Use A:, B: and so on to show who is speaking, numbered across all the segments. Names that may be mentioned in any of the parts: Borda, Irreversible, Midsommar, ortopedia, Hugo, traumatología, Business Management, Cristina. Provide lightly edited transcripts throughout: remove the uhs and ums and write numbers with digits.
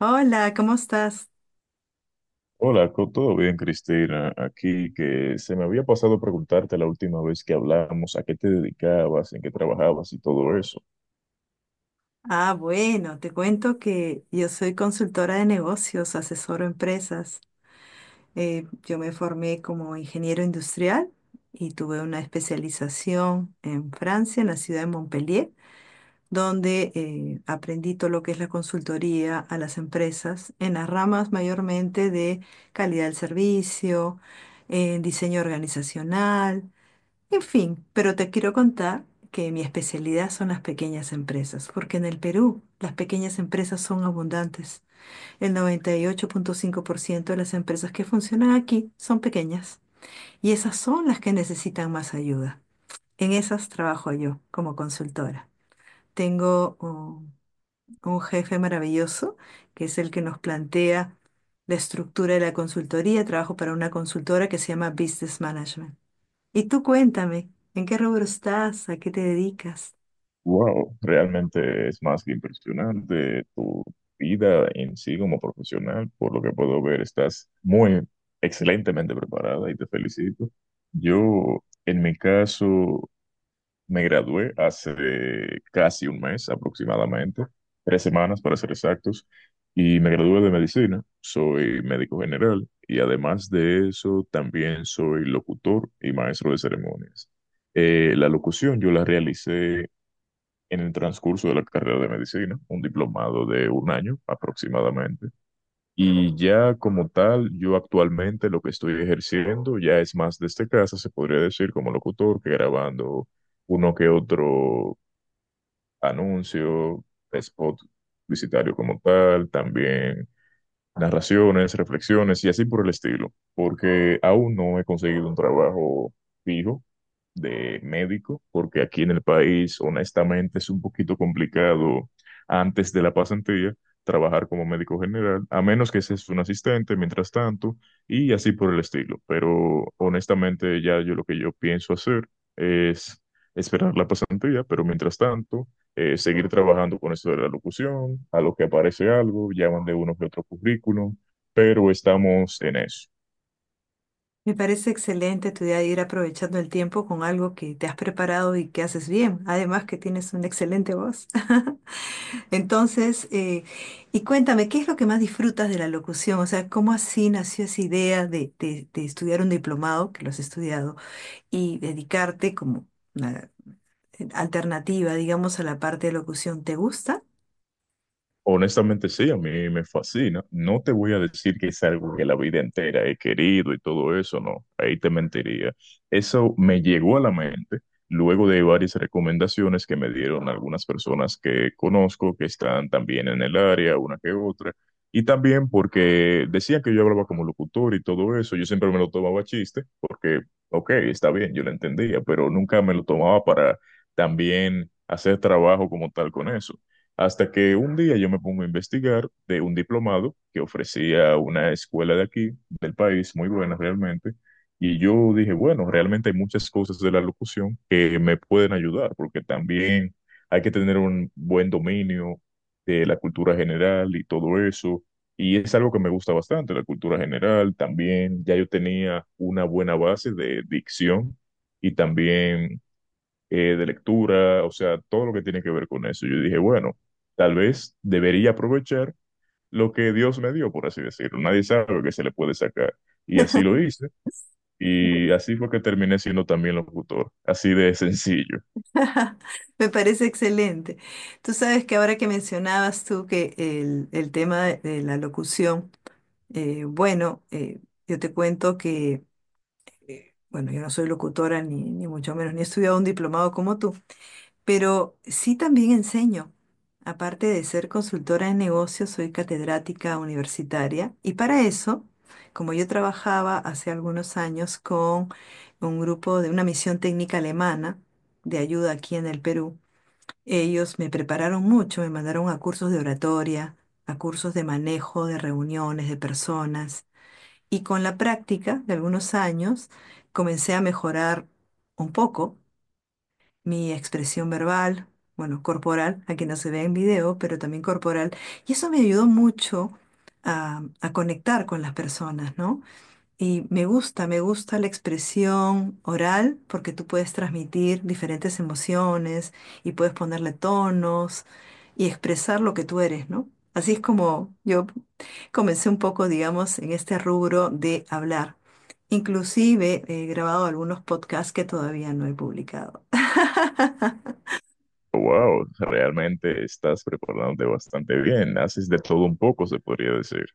A: Hola, ¿cómo estás?
B: Hola, todo bien, Cristina. Aquí que se me había pasado preguntarte la última vez que hablamos, a qué te dedicabas, en qué trabajabas y todo eso.
A: Ah, bueno, te cuento que yo soy consultora de negocios, asesoro empresas. Yo me formé como ingeniero industrial y tuve una especialización en Francia, en la ciudad de Montpellier, donde aprendí todo lo que es la consultoría a las empresas en las ramas mayormente de calidad del servicio, en diseño organizacional. En fin, pero te quiero contar que mi especialidad son las pequeñas empresas, porque en el Perú las pequeñas empresas son abundantes. El 98.5% de las empresas que funcionan aquí son pequeñas y esas son las que necesitan más ayuda. En esas trabajo yo como consultora. Tengo un jefe maravilloso que es el que nos plantea la estructura de la consultoría. Trabajo para una consultora que se llama Business Management. Y tú cuéntame, ¿en qué rubro estás? ¿A qué te dedicas?
B: Wow, realmente es más que impresionante tu vida en sí como profesional. Por lo que puedo ver, estás muy excelentemente preparada y te felicito. Yo, en mi caso, me gradué hace casi un mes aproximadamente, 3 semanas para ser exactos, y me gradué de medicina. Soy médico general y además de eso también soy locutor y maestro de ceremonias. La locución yo la realicé en el transcurso de la carrera de medicina, un diplomado de un año aproximadamente. Y ya como tal, yo actualmente lo que estoy ejerciendo ya es más desde casa, se podría decir como locutor, que grabando uno que otro anuncio, spot publicitario como tal, también narraciones, reflexiones y así por el estilo, porque aún no he conseguido un trabajo fijo de médico, porque aquí en el país, honestamente, es un poquito complicado antes de la pasantía trabajar como médico general, a menos que seas un asistente mientras tanto y así por el estilo. Pero honestamente, ya yo lo que yo pienso hacer es esperar la pasantía, pero mientras tanto seguir trabajando con eso de la locución, a lo que aparece algo, llaman de uno que otro currículum, pero estamos en eso.
A: Me parece excelente tu idea de ir aprovechando el tiempo con algo que te has preparado y que haces bien, además que tienes una excelente voz. Entonces, y cuéntame, ¿qué es lo que más disfrutas de la locución? O sea, ¿cómo así nació esa idea de estudiar un diplomado, que lo has estudiado, y dedicarte como una alternativa, digamos, a la parte de locución? ¿Te gusta?
B: Honestamente sí, a mí me fascina. No te voy a decir que es algo que la vida entera he querido y todo eso, no, ahí te mentiría. Eso me llegó a la mente luego de varias recomendaciones que me dieron algunas personas que conozco, que están también en el área, una que otra, y también porque decían que yo hablaba como locutor y todo eso, yo siempre me lo tomaba a chiste, porque, ok, está bien, yo lo entendía, pero nunca me lo tomaba para también hacer trabajo como tal con eso. Hasta que un día yo me pongo a investigar de un diplomado que ofrecía una escuela de aquí, del país, muy buena realmente. Y yo dije, bueno, realmente hay muchas cosas de la locución que me pueden ayudar, porque también hay que tener un buen dominio de la cultura general y todo eso. Y es algo que me gusta bastante, la cultura general. También ya yo tenía una buena base de dicción y también de lectura, o sea, todo lo que tiene que ver con eso. Yo dije, bueno, tal vez debería aprovechar lo que Dios me dio, por así decirlo. Nadie sabe que se le puede sacar. Y así lo hice. Y así fue que terminé siendo también locutor. Así de sencillo.
A: Me parece excelente. Tú sabes que ahora que mencionabas tú que el tema de la locución, bueno, yo te cuento que, bueno, yo no soy locutora ni mucho menos, ni he estudiado un diplomado como tú, pero sí también enseño. Aparte de ser consultora de negocios, soy catedrática universitaria y para eso, como yo trabajaba hace algunos años con un grupo de una misión técnica alemana de ayuda aquí en el Perú, ellos me prepararon mucho, me mandaron a cursos de oratoria, a cursos de manejo de reuniones, de personas. Y con la práctica de algunos años comencé a mejorar un poco mi expresión verbal, bueno, corporal, aquí no se ve en video, pero también corporal. Y eso me ayudó mucho a conectar con las personas, ¿no? Y me gusta la expresión oral porque tú puedes transmitir diferentes emociones y puedes ponerle tonos y expresar lo que tú eres, ¿no? Así es como yo comencé un poco, digamos, en este rubro de hablar. Inclusive he grabado algunos podcasts que todavía no he publicado.
B: Wow, realmente estás preparándote bastante bien. Haces de todo un poco, se podría decir.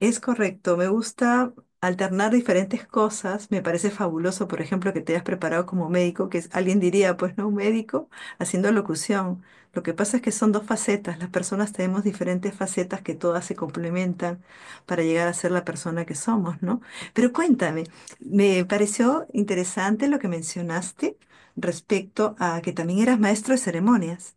A: Es correcto, me gusta alternar diferentes cosas, me parece fabuloso, por ejemplo, que te hayas preparado como médico, que es- alguien diría, pues no, un médico haciendo locución. Lo que pasa es que son dos facetas, las personas tenemos diferentes facetas que todas se complementan para llegar a ser la persona que somos, ¿no? Pero cuéntame, me pareció interesante lo que mencionaste respecto a que también eras maestro de ceremonias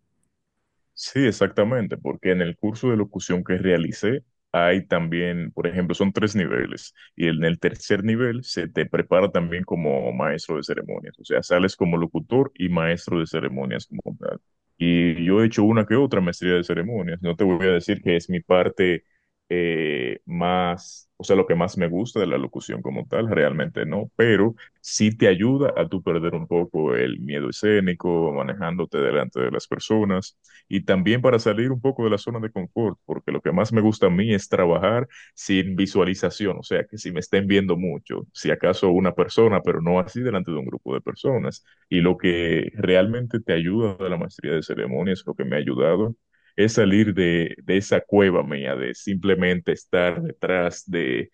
B: Sí, exactamente, porque en el curso de locución que realicé hay también, por ejemplo, son tres niveles y en el tercer nivel se te prepara también como maestro de ceremonias, o sea, sales como locutor y maestro de ceremonias como tal. Y yo he hecho una que otra maestría de ceremonias, no te voy a decir que es mi parte más, o sea, lo que más me gusta de la locución como tal, realmente no, pero sí te ayuda a tú perder un poco el miedo escénico, manejándote delante de las personas y también para salir un poco de la zona de confort, porque lo que más me gusta a mí es trabajar sin visualización, o sea, que si me estén viendo mucho, si acaso una persona, pero no así delante de un grupo de personas. Y lo que realmente te ayuda de la maestría de ceremonias, lo que me ha ayudado, es salir de, esa cueva mía, de simplemente estar detrás de,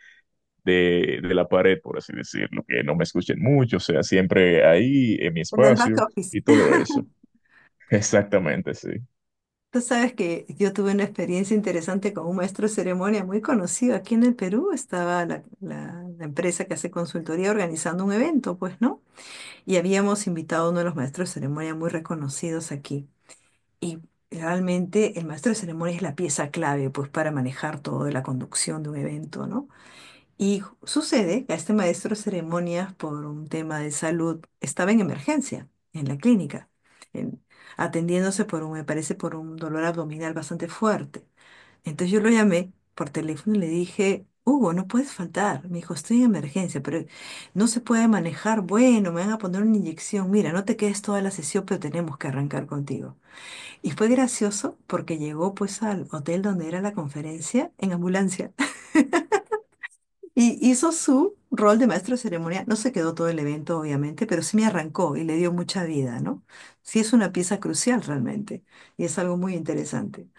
B: de, de la pared, por así decirlo, que no me escuchen mucho, o sea, siempre ahí en mi
A: en el back
B: espacio
A: office.
B: y todo eso. Exactamente, sí.
A: Tú sabes que yo tuve una experiencia interesante con un maestro de ceremonia muy conocido aquí en el Perú. Estaba la empresa que hace consultoría organizando un evento, pues, ¿no? Y habíamos invitado a uno de los maestros de ceremonia muy reconocidos aquí. Y realmente el maestro de ceremonia es la pieza clave, pues, para manejar todo de la conducción de un evento, ¿no? Y ju- sucede que a este maestro de ceremonias, por un tema de salud, estaba en emergencia, en la clínica, en- atendiéndose por un, me parece, por un dolor abdominal bastante fuerte. Entonces yo lo llamé por teléfono y le dije, Hugo, no puedes faltar. Me dijo, estoy en emergencia, pero no se puede manejar. Bueno, me van a poner una inyección. Mira, no te quedes toda la sesión, pero tenemos que arrancar contigo. Y fue gracioso porque llegó pues al hotel donde era la conferencia en ambulancia. Y hizo su rol de maestro de ceremonia. No se quedó todo el evento, obviamente, pero sí me arrancó y le dio mucha vida, ¿no? Sí es una pieza crucial realmente y es algo muy interesante.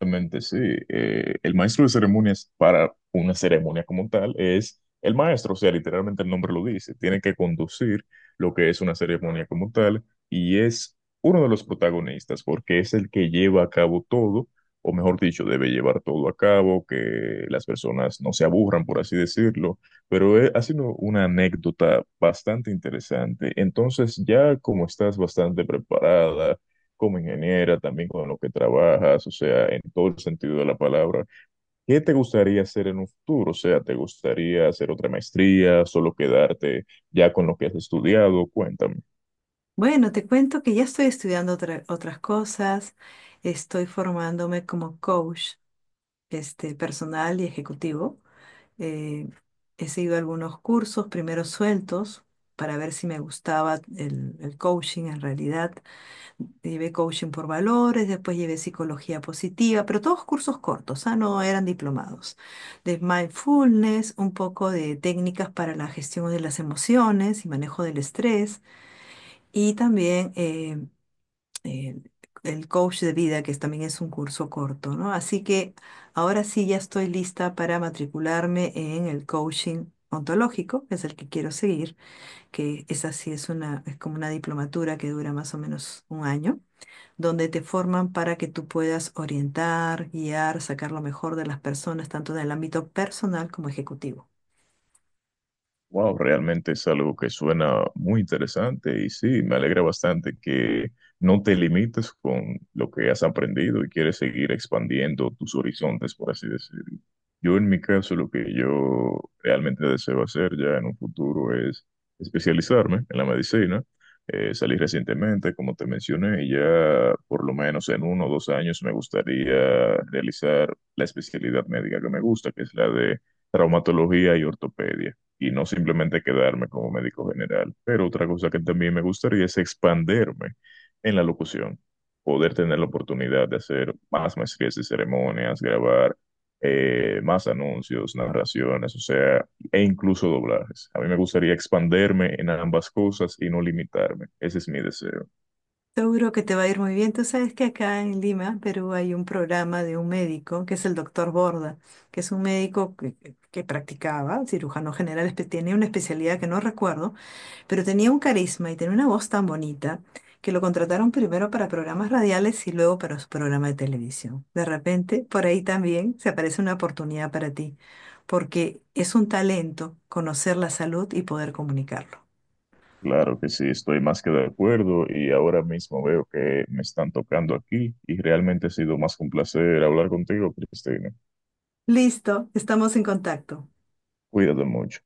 B: Realmente sí. El maestro de ceremonias para una ceremonia como tal es el maestro, o sea, literalmente el nombre lo dice. Tiene que conducir lo que es una ceremonia como tal y es uno de los protagonistas porque es el que lleva a cabo todo, o mejor dicho, debe llevar todo a cabo, que las personas no se aburran, por así decirlo. Pero ha sido una anécdota bastante interesante. Entonces, ya como estás bastante preparada como ingeniera, también con lo que trabajas, o sea, en todo el sentido de la palabra. ¿Qué te gustaría hacer en un futuro? O sea, ¿te gustaría hacer otra maestría, solo quedarte ya con lo que has estudiado? Cuéntame.
A: Bueno, te cuento que ya estoy estudiando otras cosas. Estoy formándome como coach, este, personal y ejecutivo. Eh, He seguido algunos cursos, primero sueltos, para ver si me gustaba el coaching en realidad. Llevé coaching por valores, después llevé psicología positiva, pero todos cursos cortos, ah, no eran diplomados. De mindfulness, un poco de técnicas para la gestión de las emociones y manejo del estrés, y también eh, el coach de vida, que es- también es un curso corto, ¿no? Así que ahora sí ya estoy lista para matricularme en el coaching. Ontológico, que es el que quiero seguir, que esa sí es una, es como una diplomatura que dura más o menos un año donde te forman para que tú puedas orientar, guiar, sacar lo mejor de las personas, tanto en el ámbito personal como ejecutivo.
B: Wow, realmente es algo que suena muy interesante y sí, me alegra bastante que no te limites con lo que has aprendido y quieres seguir expandiendo tus horizontes, por así decirlo. Yo en mi caso, lo que yo realmente deseo hacer ya en un futuro es especializarme en la medicina. Salí recientemente, como te mencioné, y ya por lo menos en 1 o 2 años me gustaría realizar la especialidad médica que me gusta, que es la de traumatología y ortopedia y no simplemente quedarme como médico general. Pero otra cosa que también me gustaría es expanderme en la locución, poder tener la oportunidad de hacer más maestrías de ceremonias, grabar más anuncios, narraciones, o sea, e incluso doblajes. A mí me gustaría expanderme en ambas cosas y no limitarme. Ese es mi deseo.
A: Seguro que te va a ir muy bien. Tú sabes que acá en Lima, Perú, hay un programa de un médico, que es el doctor Borda, que es un médico que practicaba, cirujano general, tiene una especialidad que no recuerdo, pero tenía un carisma y tenía una voz tan bonita que lo contrataron primero para programas radiales y luego para su programa de televisión. De repente, por ahí también se aparece una oportunidad para ti, porque es un talento conocer la salud y poder comunicarlo.
B: Claro que sí, estoy más que de acuerdo y ahora mismo veo que me están tocando aquí y realmente ha sido más que un placer hablar contigo, Cristina.
A: Listo, estamos en contacto.
B: Cuídate mucho.